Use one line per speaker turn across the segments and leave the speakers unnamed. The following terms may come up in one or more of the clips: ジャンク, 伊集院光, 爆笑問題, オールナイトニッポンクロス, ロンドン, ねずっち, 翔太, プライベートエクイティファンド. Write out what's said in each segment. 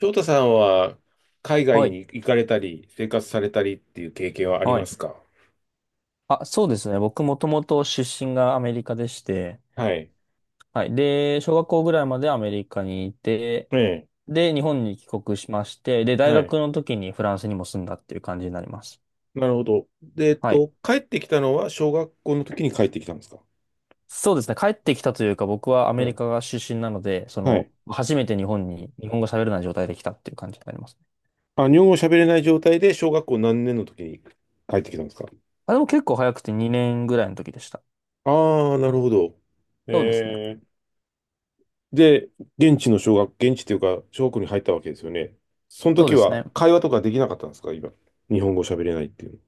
翔太さんは海外
は
に
い。
行かれたり、生活されたりっていう経験はあり
は
ま
い。
すか？
そうですね。僕もともと出身がアメリカでして、
はい。
はい。小学校ぐらいまでアメリカにいて、
ええ。
日本に帰国しまして、大
は
学
い。
の時にフランスにも住んだっていう感じになります。
なるほど。で、
はい。
帰ってきたのは小学校の時に帰ってきたんですか？
そうですね。帰ってきたというか、僕はア
う
メリ
ん。
カが出身なので、
はい。
初めて日本に、日本語喋れない状態で来たっていう感じになりますね。
あ、日本語喋れない状態で小学校何年の時に帰ってきたんですか？
でも結構早くて2年ぐらいの時でした。
ああー、なるほど。
そうですね。
ええ。で、現地というか、小学校に入ったわけですよね。その
そう
時
です
は
ね。
会話とかできなかったんですか、今？日本語喋れないっていう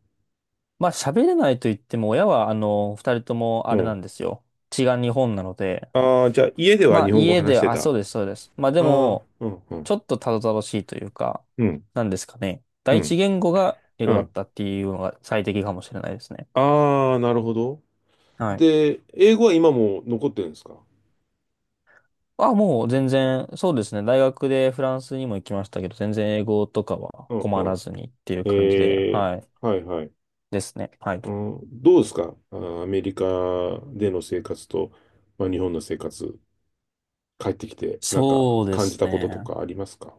まあ、喋れないと言っても、親は、二人とも
の。う
あれな
ん。
んですよ。血が日本なので、
ああ、じゃあ家では
まあ
日本語
家
話
で、
してた。あ
そうです、そうです。まあで
あ、
も、
うん、う
ち
ん、
ょっとたどたどしいというか、
うん、
なんですかね。
う
第一
ん、
言語が英
う
語だっ
ん。
たっていうのが最適かもしれないですね。
ああ、なるほど。
はい。
で、英語は今も残ってるんですか？
もう全然、そうですね。大学でフランスにも行きましたけど、全然英語とかは
うん、
困
う
ら
ん。
ずにっていう
え
感じで、
ー、
はい。
はい、はい。
ですね。はい。
うん、どうですか、あー、アメリカでの生活と、まあ、日本の生活、帰ってきて、なんか
そうで
感じ
す
たことと
ね。
かありますか？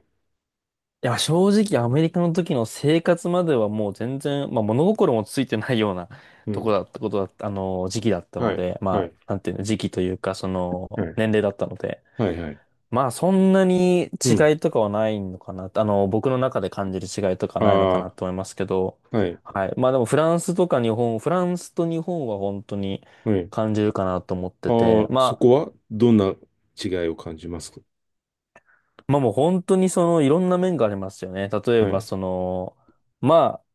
いや、正直アメリカの時の生活まではもう全然、まあ物心もついてないような
う
とこ
ん。
だった時期だった
は
の
い、
で、ま
はい、
あ、なんていうの、時期というか、
はい、
年齢だったので、
はい、はい。
まあそんなに
うん。
違いとかはないのかな、僕の中で感じる違いとかないのか
あ
なと思いますけど、
あ、はい、
はい。まあでもフランスとか日本、フランスと日本は本当に
はい。
感じるかなと思っ
あ
てて、
あ、そ
まあ、
こはどんな違いを感じますか？
まあもう本当にその、いろんな面がありますよね。例え
は
ば
い。
その、まあ、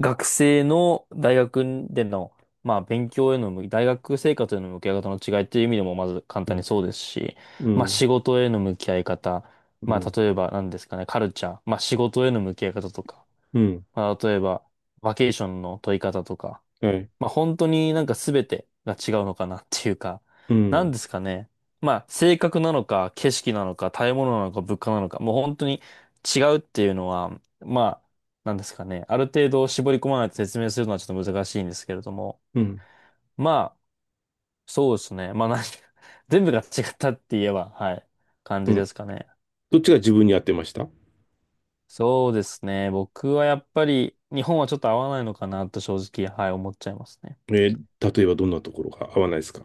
学生の大学での、まあ、勉強への向き、大学生活への向き合い方の違いっていう意味でもまず簡
う
単
ん、
にそうですし、
う
まあ、
ん、
仕事への向き合い方、
う
まあ、
ん、
例えば何ですかね、カルチャー、まあ、仕事への向き合い方とか、
うん。
まあ、例えば、バケーションの取り方とか、
はい、
まあ本当になんか全てが違うのかなっていうか、
う
なん
ん、
ですかね。まあ性格なのか、景色なのか、食べ物なのか、物価なのか、もう本当に違うっていうのは、まあ、なんですかね。ある程度絞り込まないと説明するのはちょっと難しいんですけれども、
うん、
まあ、そうですね。まあ何 全部が違ったって言えば、はい、感
う
じで
ん。
すかね。
どっちが自分に合ってました？
そうですね。僕はやっぱり日本はちょっと合わないのかなと正直、はい、思っちゃいますね。
えー。例えばどんなところが合わないですか？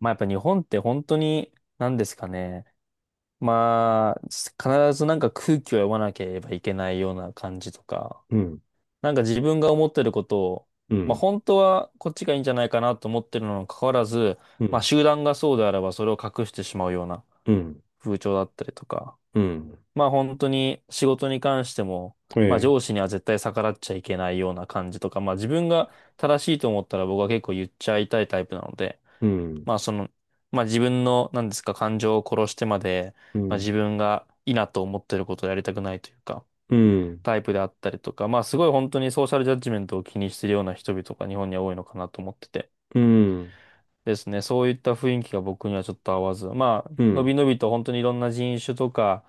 まあやっぱ日本って本当に、なんですかね。まあ、必ずなんか空気を読まなければいけないような感じとか、
うん、
なんか自分が思ってることを、
う
まあ
ん、
本当はこっちがいいんじゃないかなと思ってるのに関わらず、
う
まあ
ん、
集団がそうであればそれを隠してしまうような
うん、
風潮だったりとか、
うん。
まあ本当に仕事に関しても、まあ
え
上
え、
司には絶対逆らっちゃいけないような感じとか、まあ自分が正しいと思ったら僕は結構言っちゃいたいタイプなので、
うん、
まあその、まあ自分の、なんですか、感情を殺してまで、
う
まあ
ん、
自分がいいなと思ってることをやりたくないというか、
うん、
タイプであったりとか、まあすごい本当にソーシャルジャッジメントを気にしてるような人々が日本には多いのかなと思ってて。
うん、
ですね。そういった雰囲気が僕にはちょっと合わず。まあ、
う
の
ん、
びのびと本当にいろんな人種とか、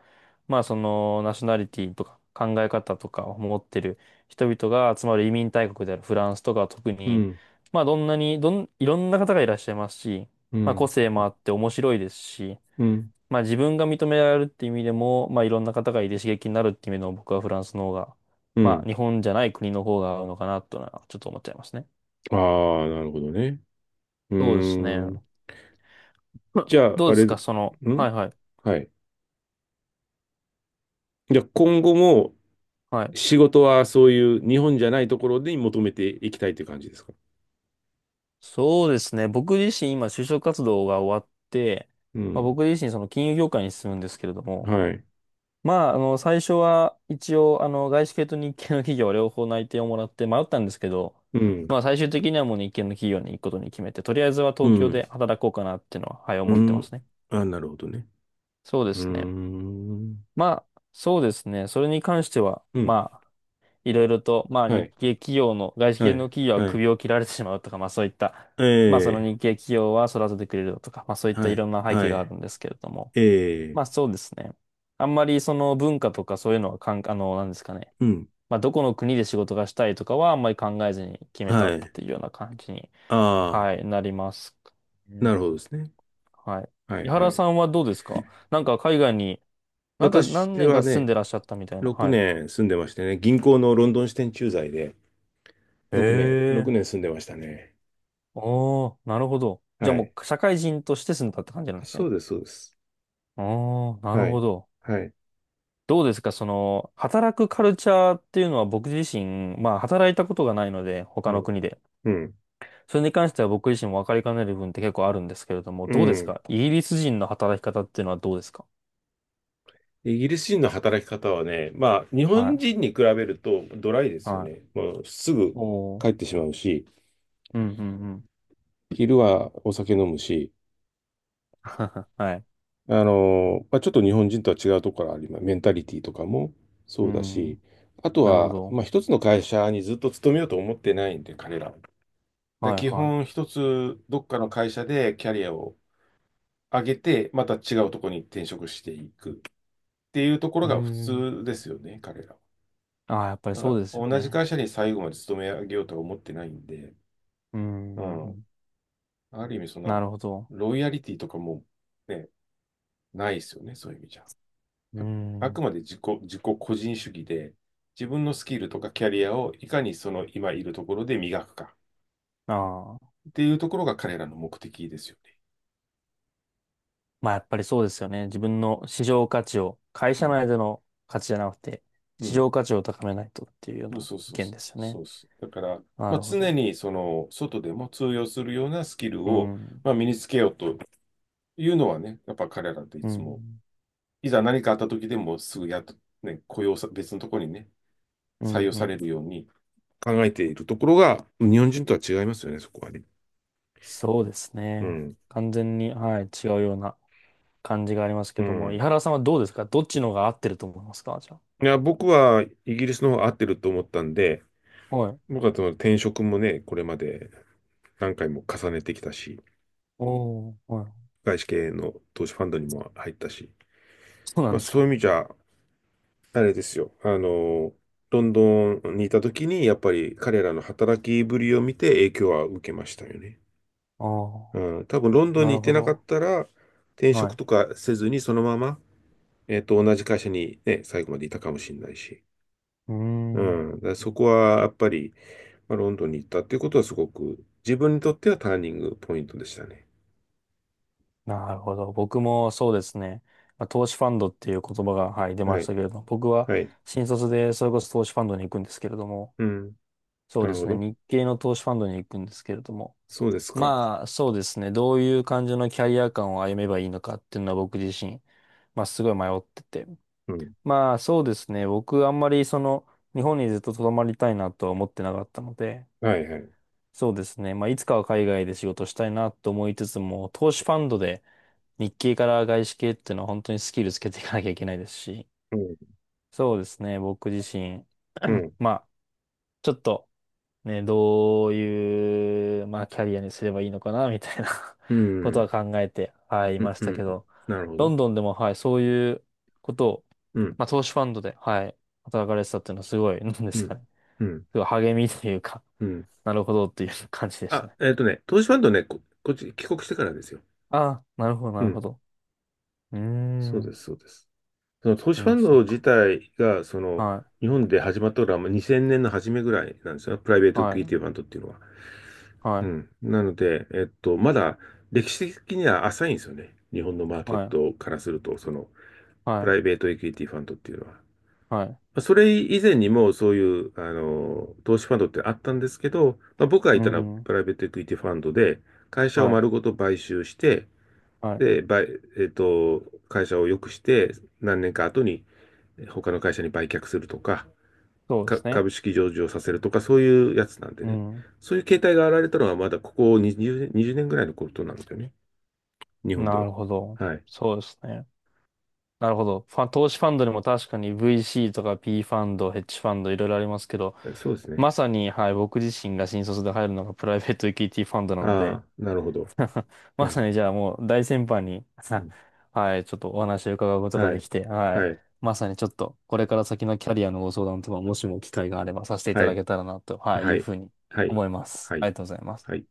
まあそのナショナリティとか考え方とかを持ってる人々が集まる移民大国であるフランスとかは特
う
に、
ん、
まあどんなに、どん、いろんな方がいらっしゃいますし、
う
まあ個
ん、
性もあって面白いですし、
うん、
まあ自分が認められるっていう意味でも、まあいろんな方がいて刺激になるっていう意味でも僕はフランスの方が、
う
ま
ん。
あ日本じゃない国の方が合うのかなというのはちょっと思っちゃいますね。
ああ、なるほどね。う
そうですね。
ーん。じゃあ、
どう
あ
で
れ、
すか、
ん、
その、はいはい。
はい。じゃあ、今後も
はい。
仕事はそういう日本じゃないところに求めていきたいという感じですか？
そうですね。僕自身今就職活動が終わって、
う
まあ、
ん。
僕自身その金融業界に進むんですけれども、
はい。
まあ、最初は一応、外資系と日系の企業両方内定をもらって迷ったんですけど、
うん。
まあ、最終的にはもう日系の企業に行くことに決めて、とりあえずは
う
東京
ん。
で働こうかなっていうのは、はい、思
う
ってま
ん。
すね。
あ、なるほどね。
そうで
うー
すね。
ん。
まあ、そうですね。それに関しては、
うん。
まあ、いろいろと、まあ
は
日
い。
系企業の、外資
は
系の
い。
企業は
はい。
首を切られてしまうとか、まあそういった、
え
まあその日
え。
系企業は育ててくれるとか、まあそういった
は
い
い。
ろんな背景
は
がある
い。
んですけれども、
ええ。
まあそうですね。あんまりその文化とかそういうのはかん、あの、なんですかね。
うん。
まあどこの国で仕事がしたいとかはあんまり考えずに決めた
は
っ
い。
ていうような感じに、
ああ、
はい、なります
な
ね。
るほどですね。
はい。
はい
井
は
原
い。
さんはどうですか。なんか海外に、なんか
私
何年
は
か住ん
ね、
でらっしゃったみたいな。
6
はい。
年住んでましてね、銀行のロンドン支店駐在で
へ
6年、6
え。
年住んでましたね。
おー、なるほど。じゃ
は
あも
い。
う社会人として住んだって感じなん
あ、
です
そう
ね。
です、そうです。
おー、なる
は
ほ
い。
ど。
はい。
どうですか、その、働くカルチャーっていうのは僕自身、まあ働いたことがないので、他の国で。
うん。
それに関しては僕自身も分かりかねる部分って結構あるんですけれども、
う
どうです
ん。
かイギリス人の働き方っていうのはどうですか。
イギリス人の働き方はね、まあ、日
は
本
い。
人に比べるとドライですよ
はい。
ね。もうすぐ
おー。
帰ってしまうし、
うんうんうん。
昼はお酒飲むし、
はい。
まあ、ちょっと日本人とは違うところがあります。メンタリティとかも
う
そうだし、
ん。
あと
なるほ
は、
ど。
まあ、一つの会社にずっと勤めようと思ってないんで、彼らは。で、
はい
基
は
本一つどっかの会社でキャリアを上げて、また違うところに転職していくっていうとこ
い。
ろ
うー
が普
ん。
通ですよね、彼らは。
ああ、やっぱり
だか
そ
ら
うですよ
同じ
ね。
会社に最後まで勤め上げようとは思ってないんで、
うん
う
うんう
ん。
ん。
ある意味、そん
な
な、
るほど。
ロイヤリティとかも、ね、ないですよね、そういう意味じゃ。
う
あ、あ
ん。
くまで自己個人主義で、自分のスキルとかキャリアをいかにその今いるところで磨くか
ああ。
っていうところが彼らの目的ですよね。
まあやっぱりそうですよね。自分の市場価値を、会
う
社
ん。
内での価値じゃなくて、
う
市
ん。
場価値を高めないとっていうよう
そう
な
そう
意
そう
見
そう。
ですよ
そ
ね。
うです。だから、
な
まあ、
るほ
常
ど。
にその外でも通用するようなスキル
う
を、
ん。
まあ、身につけようというのはね、やっぱ彼らってい
う
つも
ん。
いざ何かあった時でもすぐやっと、ね、雇用さ、別のところにね、
う
採
ん。
用
う
さ
ん。
れるように。考えているところが、日本人とは違いますよね、そこはね。
そうです
う
ね。
ん。
完全に、はい、違うような感じがありますけ
う
ども、井
ん。
原さんはどうですかどっちの方が合ってると思いますかじゃ
いや、僕はイギリスの方が合ってると思ったんで、
あ。はい。
僕はその転職もね、これまで何回も重ねてきたし、
おー、はい。
外資系の投資ファンドにも入ったし、
そうなん
まあ
です
そうい
か。
う意味じゃ、あれですよ、ロンドンにいた時に、やっぱり彼らの働きぶりを見て影響は受けましたよね。
ああ、
うん、多分ロンドン
な
に行
る
って
ほ
なかっ
ど。
たら、転
は
職
い。
とかせずにそのまま、同じ会社にね、最後までいたかもしれないし。
うー
う
ん。
ん、だからそこはやっぱり、まあ、ロンドンに行ったっていうことはすごく自分にとってはターニングポイントでしたね。
なるほど。僕もそうですね。まあ、投資ファンドっていう言葉が、はい、出
は
ました
い。
けれども、僕は
はい。
新卒でそれこそ投資ファンドに行くんですけれども、
うん。
そう
な
で
るほ
すね。
ど。
日系の投資ファンドに行くんですけれども、
そうですか。
まあそうですね。どういう感じのキャリア感を歩めばいいのかっていうのは僕自身、まあすごい迷ってて。
うん。
まあそうですね。僕あんまりその日本にずっと留まりたいなとは思ってなかったので、
はいはい。
そうですね。まあ、いつかは海外で仕事したいなと思いつつも、投資ファンドで日系から外資系っていうのは本当にスキルつけていかなきゃいけないですし、
うん。
そうですね。僕自身、
うん。
まあ、ちょっとね、どういう、まあ、キャリアにすればいいのかな、みたいな
う
ことは
ん。
考えて、はい、い
う
ま
ん。
し
う
たけ
ん、
ど、
なるほ
ロ
ど。
ンドンでも、はい、そういうことを、
うん。
まあ、投資ファンドで、はい、働かれてたっていうのはすごい、なんで
う
す
ん。
かね。
うん。
すごい励みというか、
うん。
なるほどっていう感じでした
あ、
ね。
投資ファンドね、こっち帰国してからですよ。
ああ、なるほど、な
う
るほ
ん。
ど。うー
そうで
ん。
す、そうです。その投
う
資ファ
ん、
ン
そっ
ド自
か。
体が、
は
日本で始まったのはまあ2000年の初めぐらいなんですよ。プライベー
い、
ト
は
クイ
い、
ティファンドっていうのは。
は
う
い、
ん。なので、まだ歴史的には浅いんですよね。日本のマーケッ
はい、
トからすると、
は
プ
い、
ライベートエクイティファンドっていうのは。ま
はい。
あそれ以前にもそういう、投資ファンドってあったんですけど、まあ、僕が
う
いたのは
ん、
プライベートエクイティファンドで、会社を
はい、
丸ごと買収して、
はい。
で、買えっと、会社を良くして、何年か後に、他の会社に売却するとか、
そうですね。
株式上場させるとか、そういうやつなんで
う
ね。
ん。
そういう形態が現れたのはまだここ20年ぐらいのことなんですよね。日本で
な
は。
るほど。
はい。
そうですね。なるほど。ファン、投資ファンドにも確かに VC とか P ファンド、ヘッジファンドいろいろありますけど、
そうですね。
まさに、はい、僕自身が新卒で入るのがプライベートエクイティファンドなので、
ああ、なるほど。う
まさ
ん。
にじゃあもう大先輩に
うん。
はい、ちょっとお話を伺うことが
は
で
い。
きて、はい。
はい。
まさにちょっと、これから先のキャリアのご相談とか、もしも機会があればさせていた
は
だ
い。
けたらなと、はい、
は
いう
い。
ふうに
はい。
思います。
は
あ
い。
りがとうございます。
はい。